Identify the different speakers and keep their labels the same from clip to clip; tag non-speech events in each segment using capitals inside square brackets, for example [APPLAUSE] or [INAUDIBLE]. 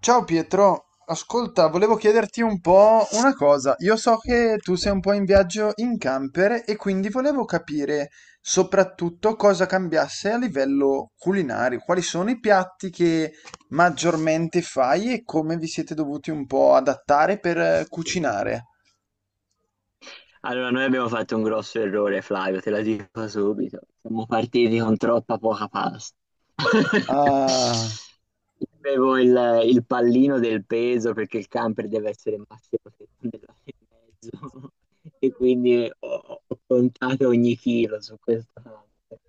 Speaker 1: Ciao Pietro, ascolta, volevo chiederti un po' una cosa. Io so che tu sei un po' in viaggio in camper e quindi volevo capire soprattutto cosa cambiasse a livello culinario, quali sono i piatti che maggiormente fai e come vi siete dovuti un po' adattare per cucinare.
Speaker 2: Allora, noi abbiamo fatto un grosso errore, Flavio, te la dico subito. Siamo partiti con troppa poca pasta. [LAUGHS]
Speaker 1: Ah,
Speaker 2: Io avevo il pallino del peso perché il camper deve essere massimo 70 grammi e mezzo e quindi ho contato ogni chilo su questa parte.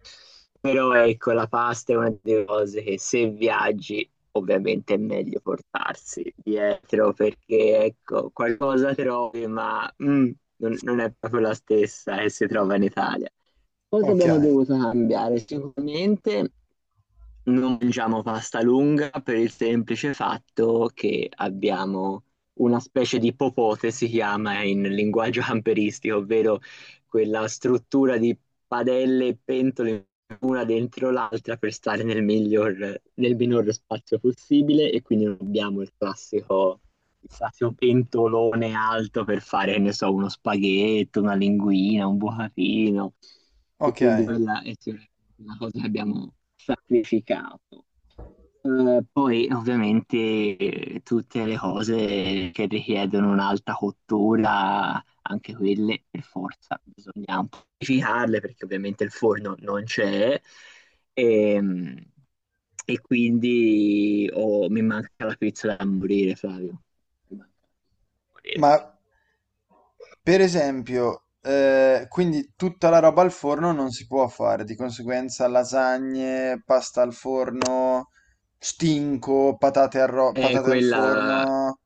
Speaker 2: Però ecco, la pasta è una delle cose che se viaggi ovviamente è meglio portarsi dietro perché ecco, qualcosa trovi, ma non è proprio la stessa che si trova in Italia. Cosa
Speaker 1: ok,
Speaker 2: abbiamo dovuto cambiare? Sicuramente non mangiamo pasta lunga per il semplice fatto che abbiamo una specie di popote, si chiama in linguaggio camperistico, ovvero quella struttura di padelle e pentole una dentro l'altra per stare nel miglior, nel minor spazio possibile, e quindi non abbiamo il classico pentolone alto per fare, che ne so, uno spaghetto, una linguina, un bucatino, e
Speaker 1: ok.
Speaker 2: quindi quella è sicuramente una cosa che abbiamo sacrificato. Poi ovviamente tutte le cose che richiedono un'alta cottura, anche quelle per forza bisogna amplificarle, perché ovviamente il forno non c'è e, e quindi oh, mi manca la pizza da morire, Flavio. Mi manca la pizza da morire.
Speaker 1: Ma per esempio, quindi tutta la roba al forno non si può fare, di conseguenza lasagne, pasta al forno, stinco, patate al,
Speaker 2: È
Speaker 1: patate al
Speaker 2: quella
Speaker 1: forno.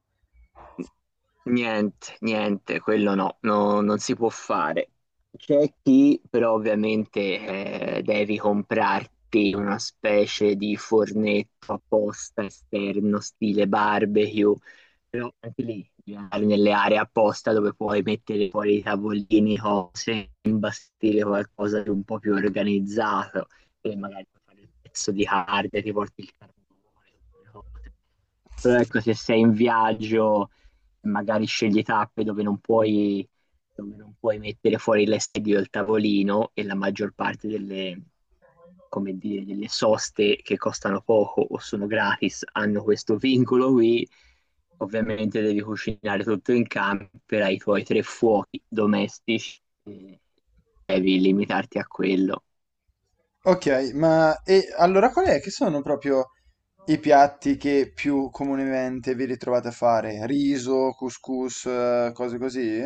Speaker 2: Niente, niente, quello no, non si può fare. C'è chi però ovviamente devi comprarti una specie di fornetto apposta esterno, stile barbecue, però anche lì devi andare nelle aree apposta dove puoi mettere fuori i tavolini, cose, imbastire qualcosa di un po' più organizzato, e magari puoi fare il pezzo di carne, ti porti il carbone, tutte le cose. Però ecco, se sei in viaggio e magari scegli tappe dove non puoi mettere fuori l'estedio del tavolino, e la maggior parte delle, come dire, delle soste che costano poco o sono gratis hanno questo vincolo qui. Ovviamente devi cucinare tutto in camper, hai i tuoi tre fuochi domestici, e devi limitarti a quello.
Speaker 1: Ok, ma e allora qual è che sono proprio i piatti che più comunemente vi ritrovate a fare? Riso, couscous, cose così?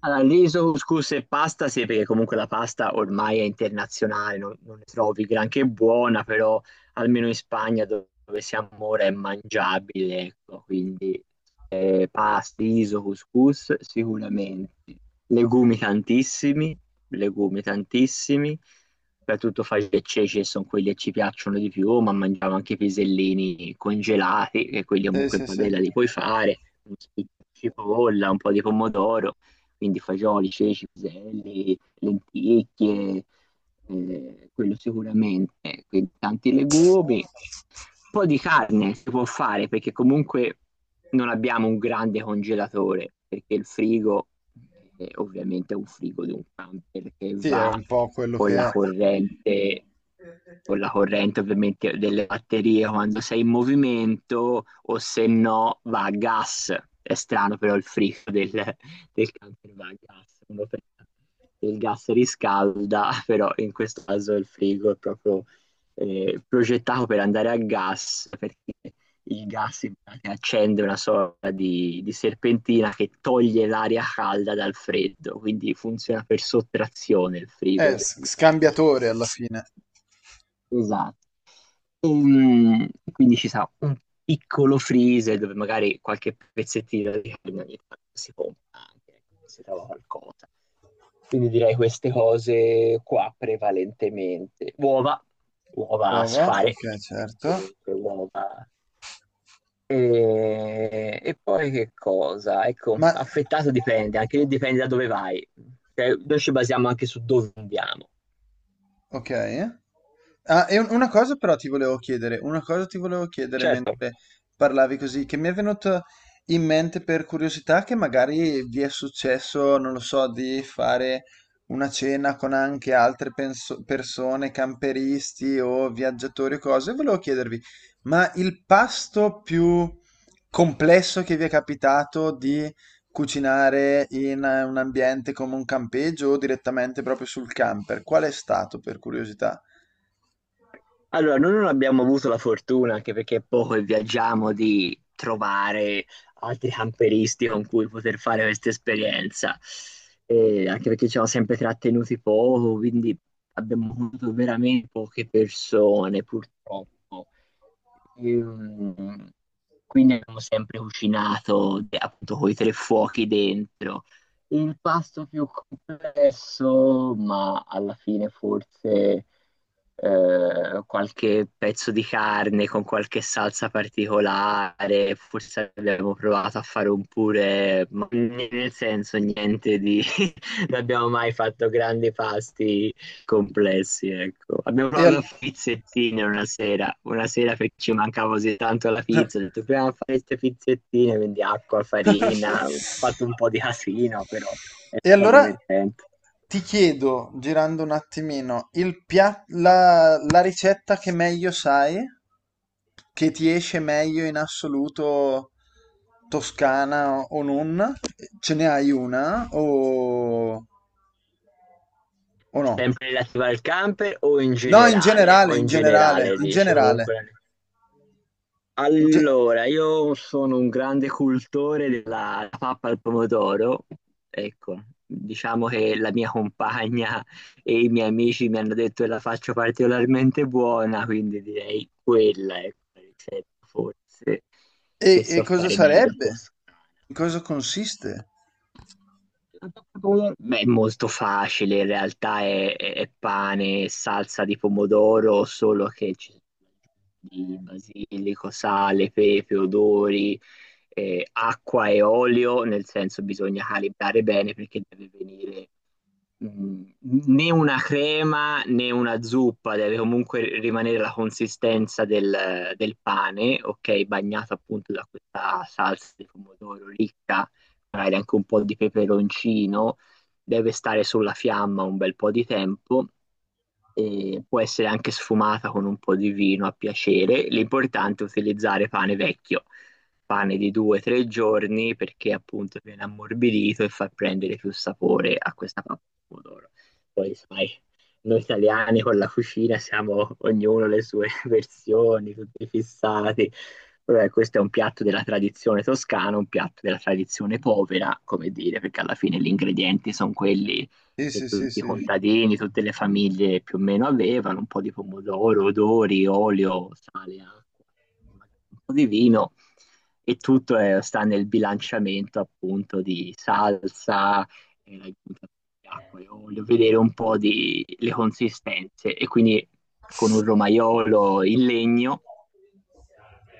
Speaker 2: Allora, riso, couscous e pasta, sì, perché comunque la pasta ormai è internazionale, non ne trovi granché buona, però almeno in Spagna dove siamo ora è mangiabile, ecco, quindi pasta, riso, couscous sicuramente. Legumi tantissimi, legumi tantissimi, soprattutto faglie e ceci che sono quelli che ci piacciono di più, ma mangiamo anche i pisellini congelati, che quelli
Speaker 1: Sì,
Speaker 2: comunque in
Speaker 1: sì, sì.
Speaker 2: padella li puoi fare, un po' di cipolla, un po' di pomodoro, quindi fagioli, ceci, piselli, lenticchie, quello sicuramente, quindi tanti legumi. Un po' di carne si può fare, perché comunque non abbiamo un grande congelatore, perché il frigo ovviamente è un frigo di un camper che
Speaker 1: Sì, è
Speaker 2: va
Speaker 1: un po' quello
Speaker 2: con la
Speaker 1: che è.
Speaker 2: corrente, con la corrente ovviamente delle batterie quando sei in movimento, o se no va a gas. È strano però il frigo del camper va a gas, uno pensa che il gas riscalda, [LAUGHS] però in questo caso il frigo è proprio progettato per andare a gas, perché il gas in pratica accende una sorta di serpentina che toglie l'aria calda dal freddo, quindi funziona per sottrazione il frigo del, del
Speaker 1: Scambiatore
Speaker 2: camper.
Speaker 1: alla fine.
Speaker 2: Esatto, quindi ci sarà un piccolo freezer dove magari qualche pezzettino di carne ogni tanto si compra anche, ecco, che si trova qualcosa. Quindi direi queste cose qua prevalentemente. Uova, uova a
Speaker 1: Uova,
Speaker 2: sfare,
Speaker 1: ok,
Speaker 2: perché
Speaker 1: certo.
Speaker 2: comunque uova. E poi che cosa? Ecco,
Speaker 1: Ma,
Speaker 2: affettato dipende, anche lì dipende da dove vai. Cioè, noi ci basiamo anche su dove andiamo.
Speaker 1: ok. Ah, e una cosa però ti volevo chiedere, una cosa ti volevo chiedere
Speaker 2: Certo.
Speaker 1: mentre parlavi così, che mi è venuto in mente per curiosità che magari vi è successo, non lo so, di fare una cena con anche altre persone, camperisti o viaggiatori o cose. Volevo chiedervi, ma il pasto più complesso che vi è capitato di cucinare in un ambiente come un campeggio o direttamente proprio sul camper? Qual è stato, per curiosità?
Speaker 2: Allora, noi non abbiamo avuto la fortuna, anche perché è poco e viaggiamo, di trovare altri camperisti con cui poter fare questa esperienza, e anche perché ci siamo sempre trattenuti poco, quindi abbiamo avuto veramente poche persone, purtroppo. Ehm, quindi abbiamo sempre cucinato, appunto, con i tre fuochi dentro. Il pasto più complesso, ma alla fine forse qualche pezzo di carne con qualche salsa particolare, forse abbiamo provato a fare un pure, ma nel senso niente di. [LAUGHS] Non abbiamo mai fatto grandi pasti complessi, ecco. Abbiamo
Speaker 1: E,
Speaker 2: provato
Speaker 1: al-
Speaker 2: a fare pizzettine una sera perché ci mancava così tanto la pizza, ho detto proviamo a fare queste pizzettine, quindi acqua, farina, ho
Speaker 1: [LAUGHS]
Speaker 2: fatto un po' di casino, però è
Speaker 1: E
Speaker 2: stato
Speaker 1: allora
Speaker 2: divertente.
Speaker 1: ti chiedo, girando un attimino, il la ricetta che meglio sai, che ti esce meglio in assoluto toscana o non? Ce ne hai una o no?
Speaker 2: Sempre relativa al camper o in
Speaker 1: No, in
Speaker 2: generale? O
Speaker 1: generale, in
Speaker 2: in
Speaker 1: generale,
Speaker 2: generale,
Speaker 1: in
Speaker 2: dice comunque
Speaker 1: generale.
Speaker 2: la
Speaker 1: In ge-
Speaker 2: Allora, io sono un grande cultore della pappa al pomodoro, ecco, diciamo che la mia compagna e i miei amici mi hanno detto che la faccio particolarmente buona, quindi direi quella è la ricetta forse che
Speaker 1: e
Speaker 2: so
Speaker 1: cosa
Speaker 2: fare meglio a
Speaker 1: sarebbe?
Speaker 2: posto.
Speaker 1: In cosa consiste?
Speaker 2: La pasta pomodoro? Beh, è molto facile, in realtà è pane e salsa di pomodoro, solo che ci sono di basilico, sale, pepe, odori, acqua e olio, nel senso bisogna calibrare bene perché deve venire mh, né una crema né una zuppa, deve comunque rimanere la consistenza del pane, ok, bagnato appunto da questa salsa di pomodoro ricca, magari anche un po' di peperoncino, deve stare sulla fiamma un bel po' di tempo, e può essere anche sfumata con un po' di vino a piacere. L'importante è utilizzare pane vecchio, pane di 2 o 3 giorni, perché appunto viene ammorbidito e fa prendere più sapore a questa pappa di pomodoro. Poi sai, noi italiani con la cucina siamo ognuno le sue [LAUGHS] versioni, tutti fissati. Vabbè, questo è un piatto della tradizione toscana, un piatto della tradizione povera, come dire, perché alla fine gli ingredienti sono quelli
Speaker 1: Sì,
Speaker 2: che
Speaker 1: sì, sì,
Speaker 2: tutti i
Speaker 1: sì.
Speaker 2: contadini, tutte le famiglie più o meno avevano, un po' di pomodoro, odori, olio, sale, acqua, magari un po' di vino, e tutto sta nel bilanciamento appunto di salsa e l'hai buttata acqua. Io voglio vedere un po' di le consistenze, e quindi con un romaiolo in legno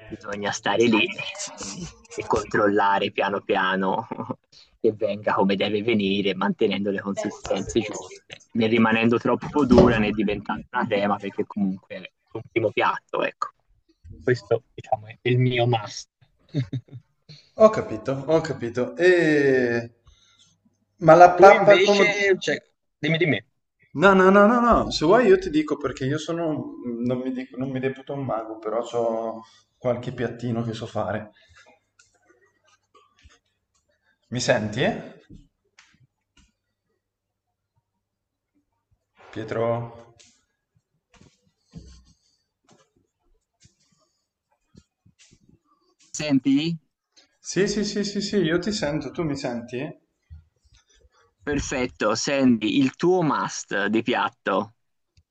Speaker 2: bisogna stare lì e controllare piano piano [LAUGHS] che venga come deve venire, mantenendo le consistenze giuste, né rimanendo troppo dura né diventando una crema, perché comunque è un primo piatto, ecco. Questo, diciamo, è il mio must. [LAUGHS]
Speaker 1: Ho capito, ho capito. E... Ma la
Speaker 2: Tu
Speaker 1: pappa al pomodoro...
Speaker 2: invece, cioè, dimmi di me.
Speaker 1: No, no, no, no, no. Se vuoi io ti dico perché io sono... Non mi reputo un mago, però ho qualche piattino che so fare. Mi senti, eh? Pietro?
Speaker 2: Senti?
Speaker 1: Sì, sì, sì, sì, sì, io ti sento, tu mi senti?
Speaker 2: Perfetto, Sandy, il tuo must di piatto,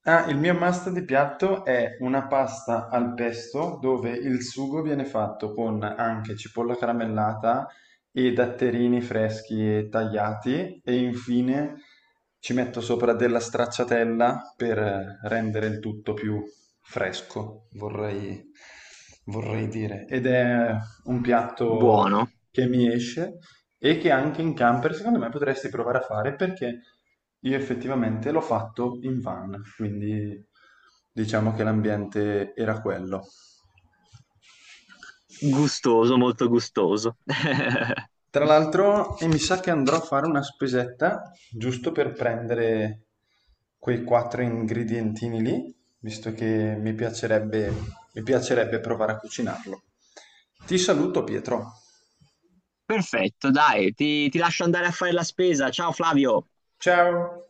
Speaker 1: Ah, il mio must di piatto è una pasta al pesto dove il sugo viene fatto con anche cipolla caramellata e datterini freschi e tagliati e infine ci metto sopra della stracciatella per rendere il tutto più fresco, vorrei, vorrei dire. Ed è un piatto
Speaker 2: buono,
Speaker 1: che mi esce e che anche in camper secondo me potresti provare a fare perché io effettivamente l'ho fatto in van, quindi diciamo che l'ambiente era quello.
Speaker 2: gustoso, molto gustoso. [LAUGHS]
Speaker 1: Tra l'altro, e mi sa che andrò a fare una spesetta giusto per prendere quei quattro ingredientini lì, visto che mi piacerebbe provare a cucinarlo. Ti saluto, Pietro.
Speaker 2: Perfetto, dai, ti lascio andare a fare la spesa. Ciao Flavio.
Speaker 1: Ciao!